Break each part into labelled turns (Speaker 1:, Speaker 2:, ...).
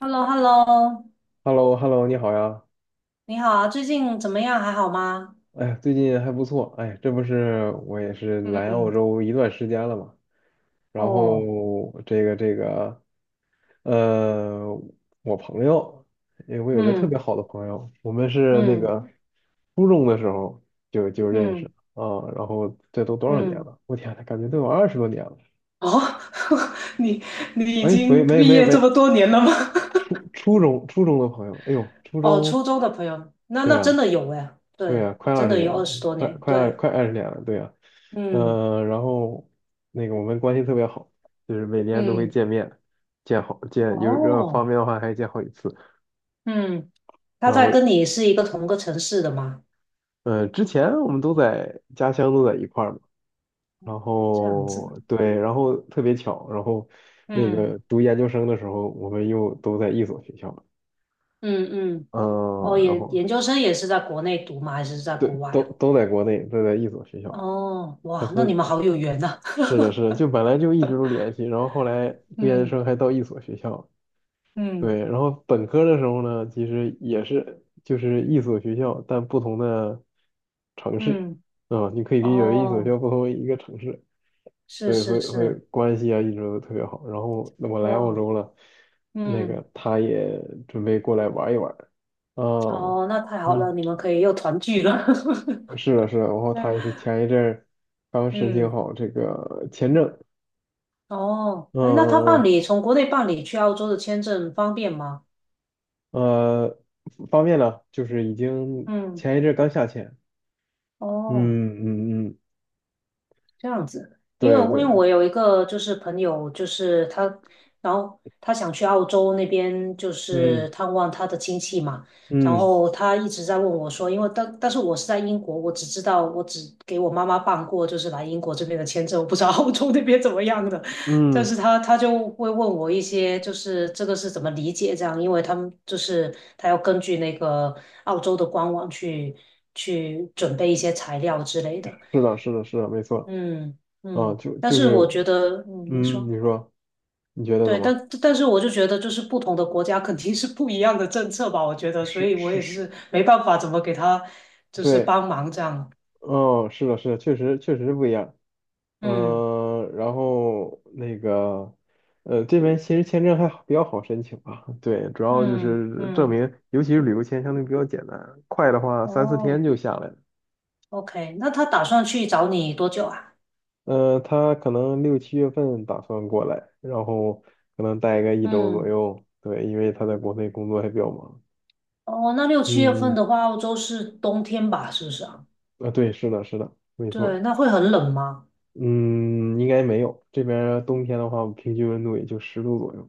Speaker 1: h e l l o h e l l o
Speaker 2: h e l l o h e l l o 你好呀！
Speaker 1: 你好啊，最近怎么样？还好吗？
Speaker 2: 哎呀，最近还不错。哎，这不是我也是来澳
Speaker 1: 嗯，
Speaker 2: 洲一段时间了嘛，然后
Speaker 1: 哦，
Speaker 2: 这个，呃，我朋友，哎，我有个特别
Speaker 1: 嗯
Speaker 2: 好的朋友，我们是那
Speaker 1: 嗯
Speaker 2: 个初中的时候就认识
Speaker 1: 嗯
Speaker 2: 啊，然后这都多少年
Speaker 1: 嗯，
Speaker 2: 了？我天呐，感觉都有20多年了。
Speaker 1: 哦，你你已
Speaker 2: 哎，没
Speaker 1: 经
Speaker 2: 没
Speaker 1: 毕
Speaker 2: 没
Speaker 1: 业
Speaker 2: 没，
Speaker 1: 这么多年了吗？
Speaker 2: 初中的朋友，哎呦，初
Speaker 1: 哦，
Speaker 2: 中，
Speaker 1: 初中的朋友，那
Speaker 2: 对
Speaker 1: 那真
Speaker 2: 呀。
Speaker 1: 的有哎，
Speaker 2: 对呀，
Speaker 1: 对，
Speaker 2: 快
Speaker 1: 真
Speaker 2: 二十
Speaker 1: 的
Speaker 2: 年
Speaker 1: 有二
Speaker 2: 了，
Speaker 1: 十多
Speaker 2: 快
Speaker 1: 年，
Speaker 2: 快二
Speaker 1: 对，
Speaker 2: 快二十年了，对呀，
Speaker 1: 嗯
Speaker 2: 嗯、然后那个我们关系特别好，就是每年都会
Speaker 1: 嗯，
Speaker 2: 见面，见好见有要方
Speaker 1: 哦，
Speaker 2: 便的话还见好几次。
Speaker 1: 嗯，他
Speaker 2: 然
Speaker 1: 在
Speaker 2: 后
Speaker 1: 跟你是一个同个城市的吗？
Speaker 2: 之前我们都在家乡都在一块儿嘛，然
Speaker 1: 这样
Speaker 2: 后
Speaker 1: 子，
Speaker 2: 对，然后特别巧，然后那
Speaker 1: 嗯
Speaker 2: 个读研究生的时候，我们又都在一所学校，
Speaker 1: 嗯嗯，哦，
Speaker 2: 嗯、然
Speaker 1: 研
Speaker 2: 后
Speaker 1: 研究生也是在国内读吗？还是在
Speaker 2: 对，
Speaker 1: 国外
Speaker 2: 都
Speaker 1: 啊？
Speaker 2: 都在国内，都在一所学校，
Speaker 1: 哦，哇，那你们好有缘呐。
Speaker 2: 是的，是的，就本来就一直都联系，然后后来研究
Speaker 1: 嗯
Speaker 2: 生还到一所学校，
Speaker 1: 嗯
Speaker 2: 对，然后本科的时候呢，其实也是就是一所学校，但不同的城市，
Speaker 1: 嗯，
Speaker 2: 啊、你可以理解为一所学
Speaker 1: 哦，
Speaker 2: 校不同于一个城市，
Speaker 1: 是
Speaker 2: 对，所
Speaker 1: 是
Speaker 2: 以所以
Speaker 1: 是，
Speaker 2: 关系啊一直都特别好。然后那我来澳
Speaker 1: 哇，
Speaker 2: 洲了，那
Speaker 1: 嗯，
Speaker 2: 个他也准备过来玩一玩，啊、
Speaker 1: 哦，那太好了，
Speaker 2: 嗯，
Speaker 1: 你们可以又团聚了。
Speaker 2: 是的，是的，然后他也是前一阵儿刚 申请
Speaker 1: 嗯，
Speaker 2: 好这个签证。
Speaker 1: 哦，
Speaker 2: 嗯
Speaker 1: 哎，那他
Speaker 2: 嗯
Speaker 1: 办理
Speaker 2: 嗯，
Speaker 1: 从国内办理去澳洲的签证方便吗？
Speaker 2: 呃，方便了，就是已经
Speaker 1: 嗯，
Speaker 2: 前一阵刚下签，嗯
Speaker 1: 哦。
Speaker 2: 嗯嗯，
Speaker 1: 这样子，因
Speaker 2: 对
Speaker 1: 为因为
Speaker 2: 对，
Speaker 1: 我有一个就是朋友，就是他，然后他想去澳洲那边，就
Speaker 2: 嗯
Speaker 1: 是探望他的亲戚嘛。然
Speaker 2: 嗯
Speaker 1: 后他一直在问我说，因为但是我是在英国，我只知道我只给我妈妈办过就是来英国这边的签证，我不知道澳洲那边怎么样的。但
Speaker 2: 嗯，
Speaker 1: 是他就会问我一些，就是这个是怎么理解这样，因为他们就是他要根据那个澳洲的官网去准备一些材料之类的。
Speaker 2: 是的，是的，是的，没错。
Speaker 1: 嗯
Speaker 2: 啊，
Speaker 1: 嗯，
Speaker 2: 就
Speaker 1: 但
Speaker 2: 就
Speaker 1: 是我
Speaker 2: 是，
Speaker 1: 觉得，嗯，您
Speaker 2: 嗯，
Speaker 1: 说，
Speaker 2: 你说，你觉得怎
Speaker 1: 对，但
Speaker 2: 么？
Speaker 1: 但是我就觉得，就是不同的国家肯定是不一样的政策吧，我觉得，所
Speaker 2: 是
Speaker 1: 以我
Speaker 2: 是
Speaker 1: 也
Speaker 2: 是，
Speaker 1: 是没办法怎么给他就是
Speaker 2: 对，
Speaker 1: 帮忙这样。
Speaker 2: 哦，是的，是的，确实不一样。
Speaker 1: 嗯
Speaker 2: 然后那个，这边其实签证还好比较好申请吧。对，主要就
Speaker 1: 嗯
Speaker 2: 是证
Speaker 1: 嗯，
Speaker 2: 明，尤其是旅游签相对比较简单，快的话三四天
Speaker 1: 哦
Speaker 2: 就下来了。
Speaker 1: ，OK，那他打算去找你多久啊？
Speaker 2: 他可能6、7月份打算过来，然后可能待个1周左
Speaker 1: 嗯，
Speaker 2: 右。对，因为他在国内工作还比较忙。
Speaker 1: 哦，那六七月份
Speaker 2: 嗯，
Speaker 1: 的话，澳洲是冬天吧，是不是啊？
Speaker 2: 啊，对，是的，是的，没
Speaker 1: 对，
Speaker 2: 错。
Speaker 1: 那会很冷吗？
Speaker 2: 嗯，应该没有。这边儿冬天的话，平均温度也就10度左右。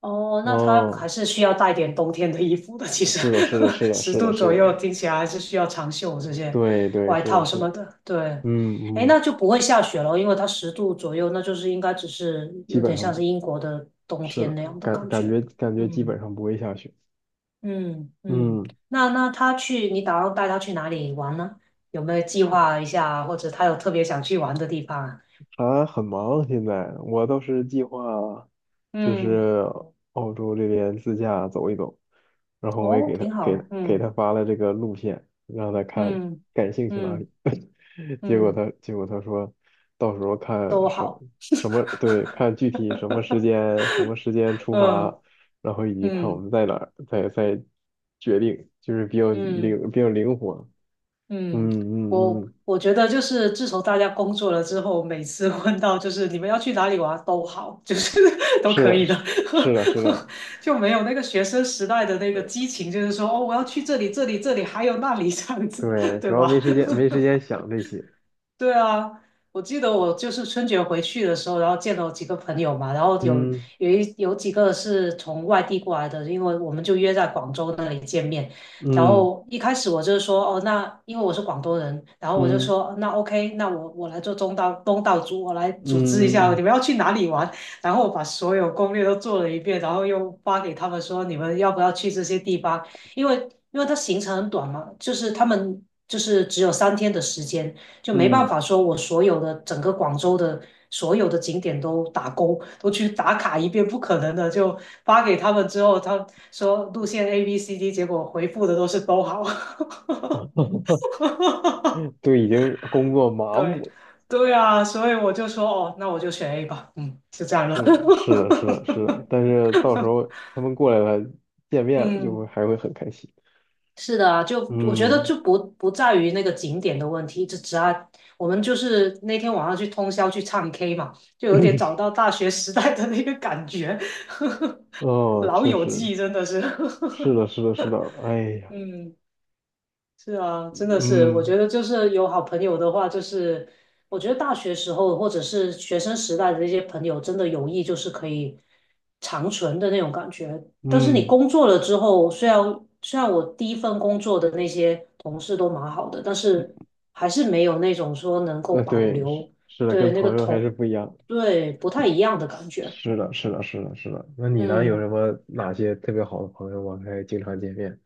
Speaker 1: 哦，那他还
Speaker 2: 哦，
Speaker 1: 是需要带点冬天的衣服的。其实
Speaker 2: 是的，是的，是 的，
Speaker 1: 十
Speaker 2: 是的，
Speaker 1: 度
Speaker 2: 是
Speaker 1: 左右，
Speaker 2: 的，
Speaker 1: 听起来还是需要长袖这些
Speaker 2: 对，对，
Speaker 1: 外
Speaker 2: 是的，
Speaker 1: 套什
Speaker 2: 是的。
Speaker 1: 么的。对，
Speaker 2: 嗯
Speaker 1: 哎，那
Speaker 2: 嗯，
Speaker 1: 就不会下雪了，因为它十度左右，那就是应该只是
Speaker 2: 基
Speaker 1: 有
Speaker 2: 本
Speaker 1: 点
Speaker 2: 上
Speaker 1: 像
Speaker 2: 不，
Speaker 1: 是英国的冬
Speaker 2: 是
Speaker 1: 天
Speaker 2: 的，
Speaker 1: 那样的
Speaker 2: 感
Speaker 1: 感
Speaker 2: 感
Speaker 1: 觉。
Speaker 2: 觉感觉基
Speaker 1: 嗯
Speaker 2: 本上不会下雪。
Speaker 1: 嗯嗯，
Speaker 2: 嗯。
Speaker 1: 那那他去，你打算带他去哪里玩呢？有没有计划一下，或者他有特别想去玩的地方啊？
Speaker 2: 啊，很忙现在，我倒是计划就
Speaker 1: 嗯，
Speaker 2: 是澳洲这边自驾走一走，然后我也
Speaker 1: 哦，挺好。
Speaker 2: 给
Speaker 1: 嗯
Speaker 2: 他发了这个路线，让他看
Speaker 1: 嗯
Speaker 2: 感兴趣哪里。
Speaker 1: 嗯
Speaker 2: 结果
Speaker 1: 嗯，
Speaker 2: 他结果他说，到时候看
Speaker 1: 都
Speaker 2: 什么
Speaker 1: 好。
Speaker 2: 看具体什么时间出发，
Speaker 1: 嗯
Speaker 2: 然后以及看我
Speaker 1: 嗯
Speaker 2: 们在哪儿，再决定，就是比较
Speaker 1: 嗯
Speaker 2: 灵比较灵活。嗯
Speaker 1: 嗯，我
Speaker 2: 嗯嗯，
Speaker 1: 我觉得就是自从大家工作了之后，每次问到就是你们要去哪里玩都好，就是 都
Speaker 2: 是
Speaker 1: 可
Speaker 2: 的，
Speaker 1: 以
Speaker 2: 是
Speaker 1: 的，
Speaker 2: 是的，是的。
Speaker 1: 就没有那个学生时代的那个激情，就是说哦，我要去这里这里这里，还有那里这样子，
Speaker 2: 对，
Speaker 1: 对
Speaker 2: 主要没
Speaker 1: 吧？
Speaker 2: 时间，没时间想这些。
Speaker 1: 对啊，我记得我就是春节回去的时候，然后见到几个朋友嘛，然后
Speaker 2: 嗯
Speaker 1: 有几个是从外地过来的，因为我们就约在广州那里见面。然
Speaker 2: 嗯
Speaker 1: 后一开始我就说，哦，那因为我是广东人，然后我就
Speaker 2: 嗯
Speaker 1: 说，那 OK，那我来做东道主，我来组织一
Speaker 2: 嗯
Speaker 1: 下
Speaker 2: 嗯
Speaker 1: 你们要去哪里玩。然后我把所有攻略都做了一遍，然后又发给他们说，你们要不要去这些地方？因为因为它行程很短嘛，就是他们就是只有3天的时间。就没办
Speaker 2: 嗯
Speaker 1: 法说我所有的整个广州的所有的景点都打勾，都去打卡一遍，不可能的。就发给他们之后，他说路线 A、B、C、D，结果回复的都是都好。
Speaker 2: 嗯，就已经工作麻
Speaker 1: 对，
Speaker 2: 木了。
Speaker 1: 对啊，所以我就说哦，那我就选 A 吧。嗯，就这样了。
Speaker 2: 是是的，是的，是的。但 是到时候他们过来了，见面了，就会
Speaker 1: 嗯。
Speaker 2: 还会很开心。
Speaker 1: 是的啊，就我觉得
Speaker 2: 嗯，
Speaker 1: 就不在于那个景点的问题，就只要我们就是那天晚上去通宵去唱 K 嘛，就有点找 到大学时代的那个感觉，
Speaker 2: 哦，
Speaker 1: 老
Speaker 2: 确
Speaker 1: 友
Speaker 2: 实
Speaker 1: 记真的是，
Speaker 2: 是的，是的，是的。哎 呀，
Speaker 1: 嗯。是啊，真的是，我
Speaker 2: 嗯
Speaker 1: 觉得就是有好朋友的话，就是我觉得大学时候或者是学生时代的那些朋友，真的友谊就是可以长存的那种感觉。但是你
Speaker 2: 嗯，
Speaker 1: 工作了之后，虽然我第一份工作的那些同事都蛮好的，但是还是没有那种说能够保
Speaker 2: 对，是
Speaker 1: 留
Speaker 2: 是的，
Speaker 1: 对
Speaker 2: 跟
Speaker 1: 那个
Speaker 2: 朋友还是
Speaker 1: 同
Speaker 2: 不一样。
Speaker 1: 对不太一样的感觉。
Speaker 2: 是的，是的，是的，是的。那你呢？有
Speaker 1: 嗯。
Speaker 2: 什么哪些特别好的朋友吗？还经常见面？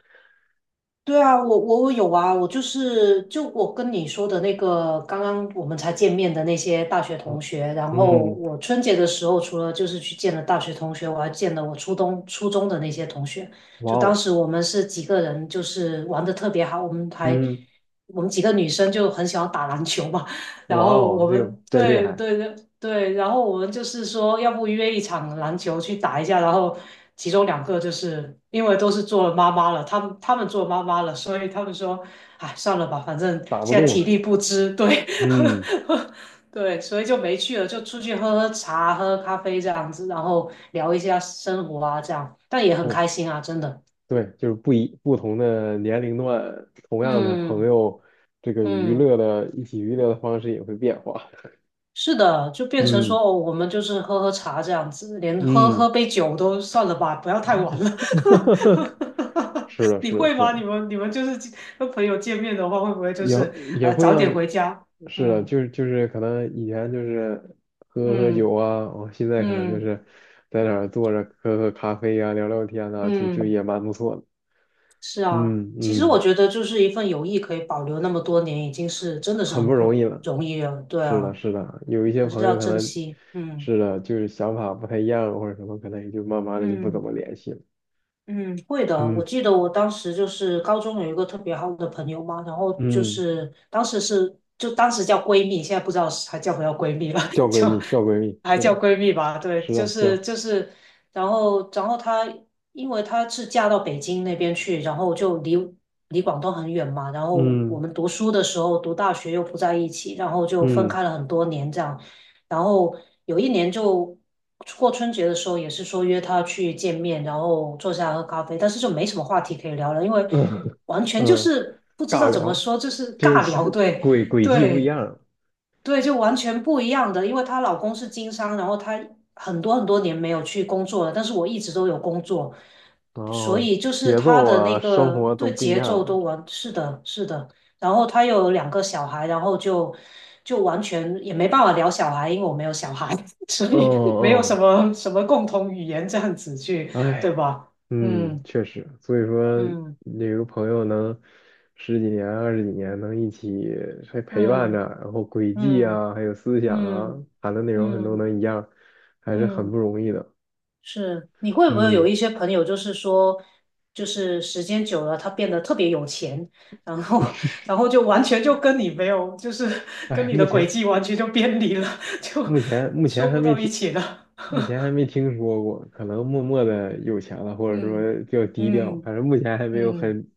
Speaker 1: 对啊，我有啊，我就是就我跟你说的那个，刚刚我们才见面的那些大学
Speaker 2: 哦
Speaker 1: 同学，然后
Speaker 2: 嗯，
Speaker 1: 我春节的时候，除了就是去见了大学同学，我还见了我初中的那些同学。
Speaker 2: 哇
Speaker 1: 就当
Speaker 2: 哦，
Speaker 1: 时我们是几个人，就是玩的特别好，
Speaker 2: 嗯，
Speaker 1: 我们几个女生就很喜欢打篮球嘛，然
Speaker 2: 哇
Speaker 1: 后
Speaker 2: 哦，
Speaker 1: 我
Speaker 2: 这个
Speaker 1: 们
Speaker 2: 真厉
Speaker 1: 对
Speaker 2: 害，
Speaker 1: 对，对。对，然后我们就是说，要不约一场篮球去打一下，然后其中两个就是因为都是做了妈妈了，他们做妈妈了，所以他们说，哎，算了吧，反正
Speaker 2: 打不
Speaker 1: 现在
Speaker 2: 动
Speaker 1: 体
Speaker 2: 了。
Speaker 1: 力不支，对，
Speaker 2: 嗯，
Speaker 1: 对，所以就没去了，就出去喝喝茶、喝咖啡这样子，然后聊一下生活啊，这样，但也很
Speaker 2: 是，
Speaker 1: 开心啊，真的，
Speaker 2: 对，就是不同的年龄段，同样的朋
Speaker 1: 嗯
Speaker 2: 友，这个娱
Speaker 1: 嗯。
Speaker 2: 乐的一起娱乐的方式也会变化。
Speaker 1: 是的，就变成说，
Speaker 2: 嗯
Speaker 1: 哦，我们就是喝喝茶这样子，连喝喝
Speaker 2: 嗯，
Speaker 1: 杯酒都算了吧，不要太晚了。
Speaker 2: 是的，
Speaker 1: 你
Speaker 2: 是的，
Speaker 1: 会
Speaker 2: 是
Speaker 1: 吗？你
Speaker 2: 的，
Speaker 1: 们你们就是跟朋友见面的话，会不会就
Speaker 2: 也
Speaker 1: 是
Speaker 2: 也会
Speaker 1: 早点
Speaker 2: 让，
Speaker 1: 回家？
Speaker 2: 是的，
Speaker 1: 嗯
Speaker 2: 就是可能以前就是喝喝
Speaker 1: 嗯
Speaker 2: 酒啊，哦，现在可能就
Speaker 1: 嗯
Speaker 2: 是在那儿坐着喝喝咖啡啊，聊聊天啊，就
Speaker 1: 嗯，
Speaker 2: 也蛮不错的。
Speaker 1: 是啊。
Speaker 2: 嗯
Speaker 1: 其实我
Speaker 2: 嗯，
Speaker 1: 觉得，就是一份友谊可以保留那么多年，已经是真的是
Speaker 2: 很不
Speaker 1: 很
Speaker 2: 容易
Speaker 1: 不
Speaker 2: 了。
Speaker 1: 容易了。对
Speaker 2: 是的，
Speaker 1: 啊，
Speaker 2: 是的，有一些
Speaker 1: 还是
Speaker 2: 朋
Speaker 1: 要
Speaker 2: 友可
Speaker 1: 珍
Speaker 2: 能
Speaker 1: 惜。嗯
Speaker 2: 是的，就是想法不太一样或者什么，可能也就慢慢的就不怎
Speaker 1: 嗯。
Speaker 2: 么联系了。
Speaker 1: 嗯，会的。我
Speaker 2: 嗯
Speaker 1: 记得我当时就是高中有一个特别好的朋友嘛，然后就
Speaker 2: 嗯，
Speaker 1: 是当时是就当时叫闺蜜，现在不知道是还叫不叫闺蜜了，
Speaker 2: 叫 闺
Speaker 1: 就
Speaker 2: 蜜，叫闺蜜，
Speaker 1: 还
Speaker 2: 是
Speaker 1: 叫
Speaker 2: 的，
Speaker 1: 闺蜜吧。对，
Speaker 2: 是
Speaker 1: 就
Speaker 2: 的，
Speaker 1: 是
Speaker 2: 叫，
Speaker 1: 就是，然后因为她是嫁到北京那边去，然后就离广东很远嘛，然后我
Speaker 2: 嗯
Speaker 1: 们读书的时候读大学又不在一起，然后就分
Speaker 2: 嗯
Speaker 1: 开了很多年这样。然后有一年就过春节的时候，也是说约他去见面，然后坐下来喝咖啡，但是就没什么话题可以聊了，因为
Speaker 2: 嗯
Speaker 1: 完 全就
Speaker 2: 嗯，
Speaker 1: 是不知
Speaker 2: 尬
Speaker 1: 道怎么
Speaker 2: 聊，
Speaker 1: 说，就是
Speaker 2: 就
Speaker 1: 尬聊，
Speaker 2: 是
Speaker 1: 对
Speaker 2: 轨迹不一
Speaker 1: 对。
Speaker 2: 样，
Speaker 1: 对，就完全不一样的，因为她老公是经商，然后她很多很多年没有去工作了，但是我一直都有工作，
Speaker 2: 然
Speaker 1: 所
Speaker 2: 后
Speaker 1: 以就是
Speaker 2: 节
Speaker 1: 她
Speaker 2: 奏
Speaker 1: 的
Speaker 2: 啊，
Speaker 1: 那
Speaker 2: 生
Speaker 1: 个
Speaker 2: 活都
Speaker 1: 对
Speaker 2: 不一
Speaker 1: 节奏
Speaker 2: 样
Speaker 1: 都完，是的，是的。然后她有2个小孩，然后就完全也没办法聊小孩，因为我没有小孩，所
Speaker 2: 嗯
Speaker 1: 以没有什
Speaker 2: 嗯
Speaker 1: 么什么共同语言这样子去，对
Speaker 2: 哎，
Speaker 1: 吧？
Speaker 2: 嗯，确实，所以说
Speaker 1: 嗯
Speaker 2: 有个朋友能十几年、20几年能一起还陪伴着，
Speaker 1: 嗯
Speaker 2: 然后轨迹
Speaker 1: 嗯
Speaker 2: 啊，还有思
Speaker 1: 嗯
Speaker 2: 想啊，
Speaker 1: 嗯
Speaker 2: 谈的内
Speaker 1: 嗯嗯。
Speaker 2: 容很多
Speaker 1: 嗯嗯
Speaker 2: 能一样，还是很不
Speaker 1: 嗯。
Speaker 2: 容易的。
Speaker 1: 是，你会不会有
Speaker 2: 嗯，
Speaker 1: 一些朋友，就是说，就是时间久了，他变得特别有钱，然后，然后就完全就跟你没有，就是跟
Speaker 2: 哎，
Speaker 1: 你的
Speaker 2: 目
Speaker 1: 轨
Speaker 2: 前
Speaker 1: 迹完全就偏离了，就
Speaker 2: 目前目前
Speaker 1: 说
Speaker 2: 还
Speaker 1: 不
Speaker 2: 没
Speaker 1: 到一
Speaker 2: 听，
Speaker 1: 起了。
Speaker 2: 目前还没听说过，可能默默的有钱了，或者
Speaker 1: 嗯
Speaker 2: 说比较低调，
Speaker 1: 嗯
Speaker 2: 反正目前还没有
Speaker 1: 嗯，
Speaker 2: 很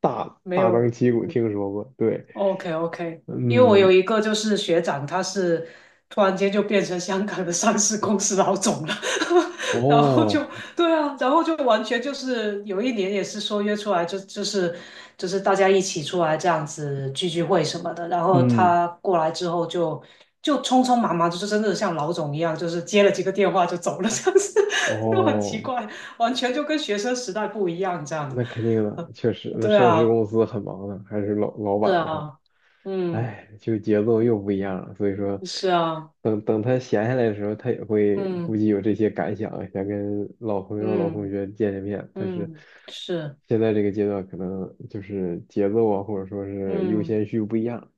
Speaker 1: 没
Speaker 2: 大张
Speaker 1: 有，
Speaker 2: 旗鼓
Speaker 1: 嗯
Speaker 2: 听说过。对，
Speaker 1: OK OK，因为我有
Speaker 2: 嗯，
Speaker 1: 一个就是学长，他是突然间就变成香港的上市公司老总了，然后就
Speaker 2: 哦，
Speaker 1: 对啊，然后就完全就是有一年也是说约出来就是大家一起出来这样子聚会什么的，然后
Speaker 2: 嗯，
Speaker 1: 他过来之后就匆匆忙忙，就是真的像老总一样，就是接了几个电话就走了，这样子 就很奇
Speaker 2: 哦。
Speaker 1: 怪，完全就跟学生时代不一样这样。
Speaker 2: 那肯定的，确实，那
Speaker 1: 对
Speaker 2: 上市
Speaker 1: 啊，
Speaker 2: 公司很忙的，还是老板
Speaker 1: 对
Speaker 2: 的话，
Speaker 1: 啊，嗯，
Speaker 2: 哎，就节奏又不一样了。所以说，
Speaker 1: 是啊。
Speaker 2: 等他闲下来的时候，他也会估
Speaker 1: 嗯
Speaker 2: 计有这些感想，想跟老朋友、老同
Speaker 1: 嗯
Speaker 2: 学见见面。但是
Speaker 1: 嗯，是，
Speaker 2: 现在这个阶段，可能就是节奏啊，或者说是优
Speaker 1: 嗯
Speaker 2: 先序不一样。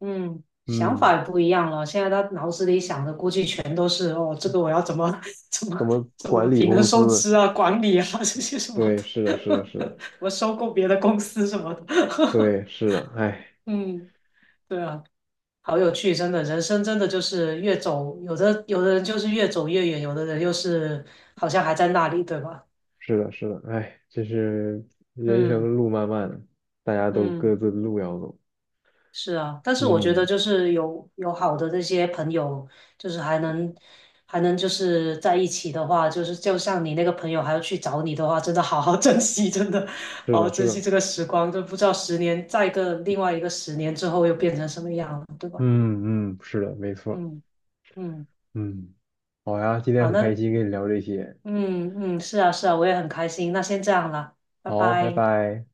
Speaker 1: 嗯，想
Speaker 2: 嗯，
Speaker 1: 法也不一样了。现在他脑子里想的估计全都是哦，这个我要怎么 怎
Speaker 2: 怎
Speaker 1: 么
Speaker 2: 么
Speaker 1: 怎么
Speaker 2: 管理
Speaker 1: 平衡
Speaker 2: 公
Speaker 1: 收
Speaker 2: 司？
Speaker 1: 支啊、管理啊 这些什么
Speaker 2: 对，是的，是的，是的，
Speaker 1: 的，我收购别的公司什么的。
Speaker 2: 对，是的，哎。
Speaker 1: 嗯，对啊，好有趣，真的，人生真的就是越走，有的人就是越走越远，有的人又是好像还在那里，对吧？
Speaker 2: 是的，是的，哎，这是人
Speaker 1: 嗯
Speaker 2: 生路漫漫，大家都各
Speaker 1: 嗯。
Speaker 2: 自的路要走。
Speaker 1: 是啊，但是我觉得
Speaker 2: 嗯，
Speaker 1: 就是有好的这些朋友，就是还能就是在一起的话，就是就像你那个朋友还要去找你的话，真的好好 珍惜，真的
Speaker 2: 是
Speaker 1: 好
Speaker 2: 的，
Speaker 1: 好
Speaker 2: 是
Speaker 1: 珍惜
Speaker 2: 的，
Speaker 1: 这个时光，就不知道十年再一个另外一个十年之后又变成什么样了，对吧？
Speaker 2: 嗯嗯，是的，没错，
Speaker 1: 嗯嗯，
Speaker 2: 嗯，好呀，今天
Speaker 1: 好，
Speaker 2: 很开
Speaker 1: 那
Speaker 2: 心跟你聊这些，
Speaker 1: 嗯嗯，是啊是啊，我也很开心，那先这样了，拜
Speaker 2: 好，拜
Speaker 1: 拜。
Speaker 2: 拜。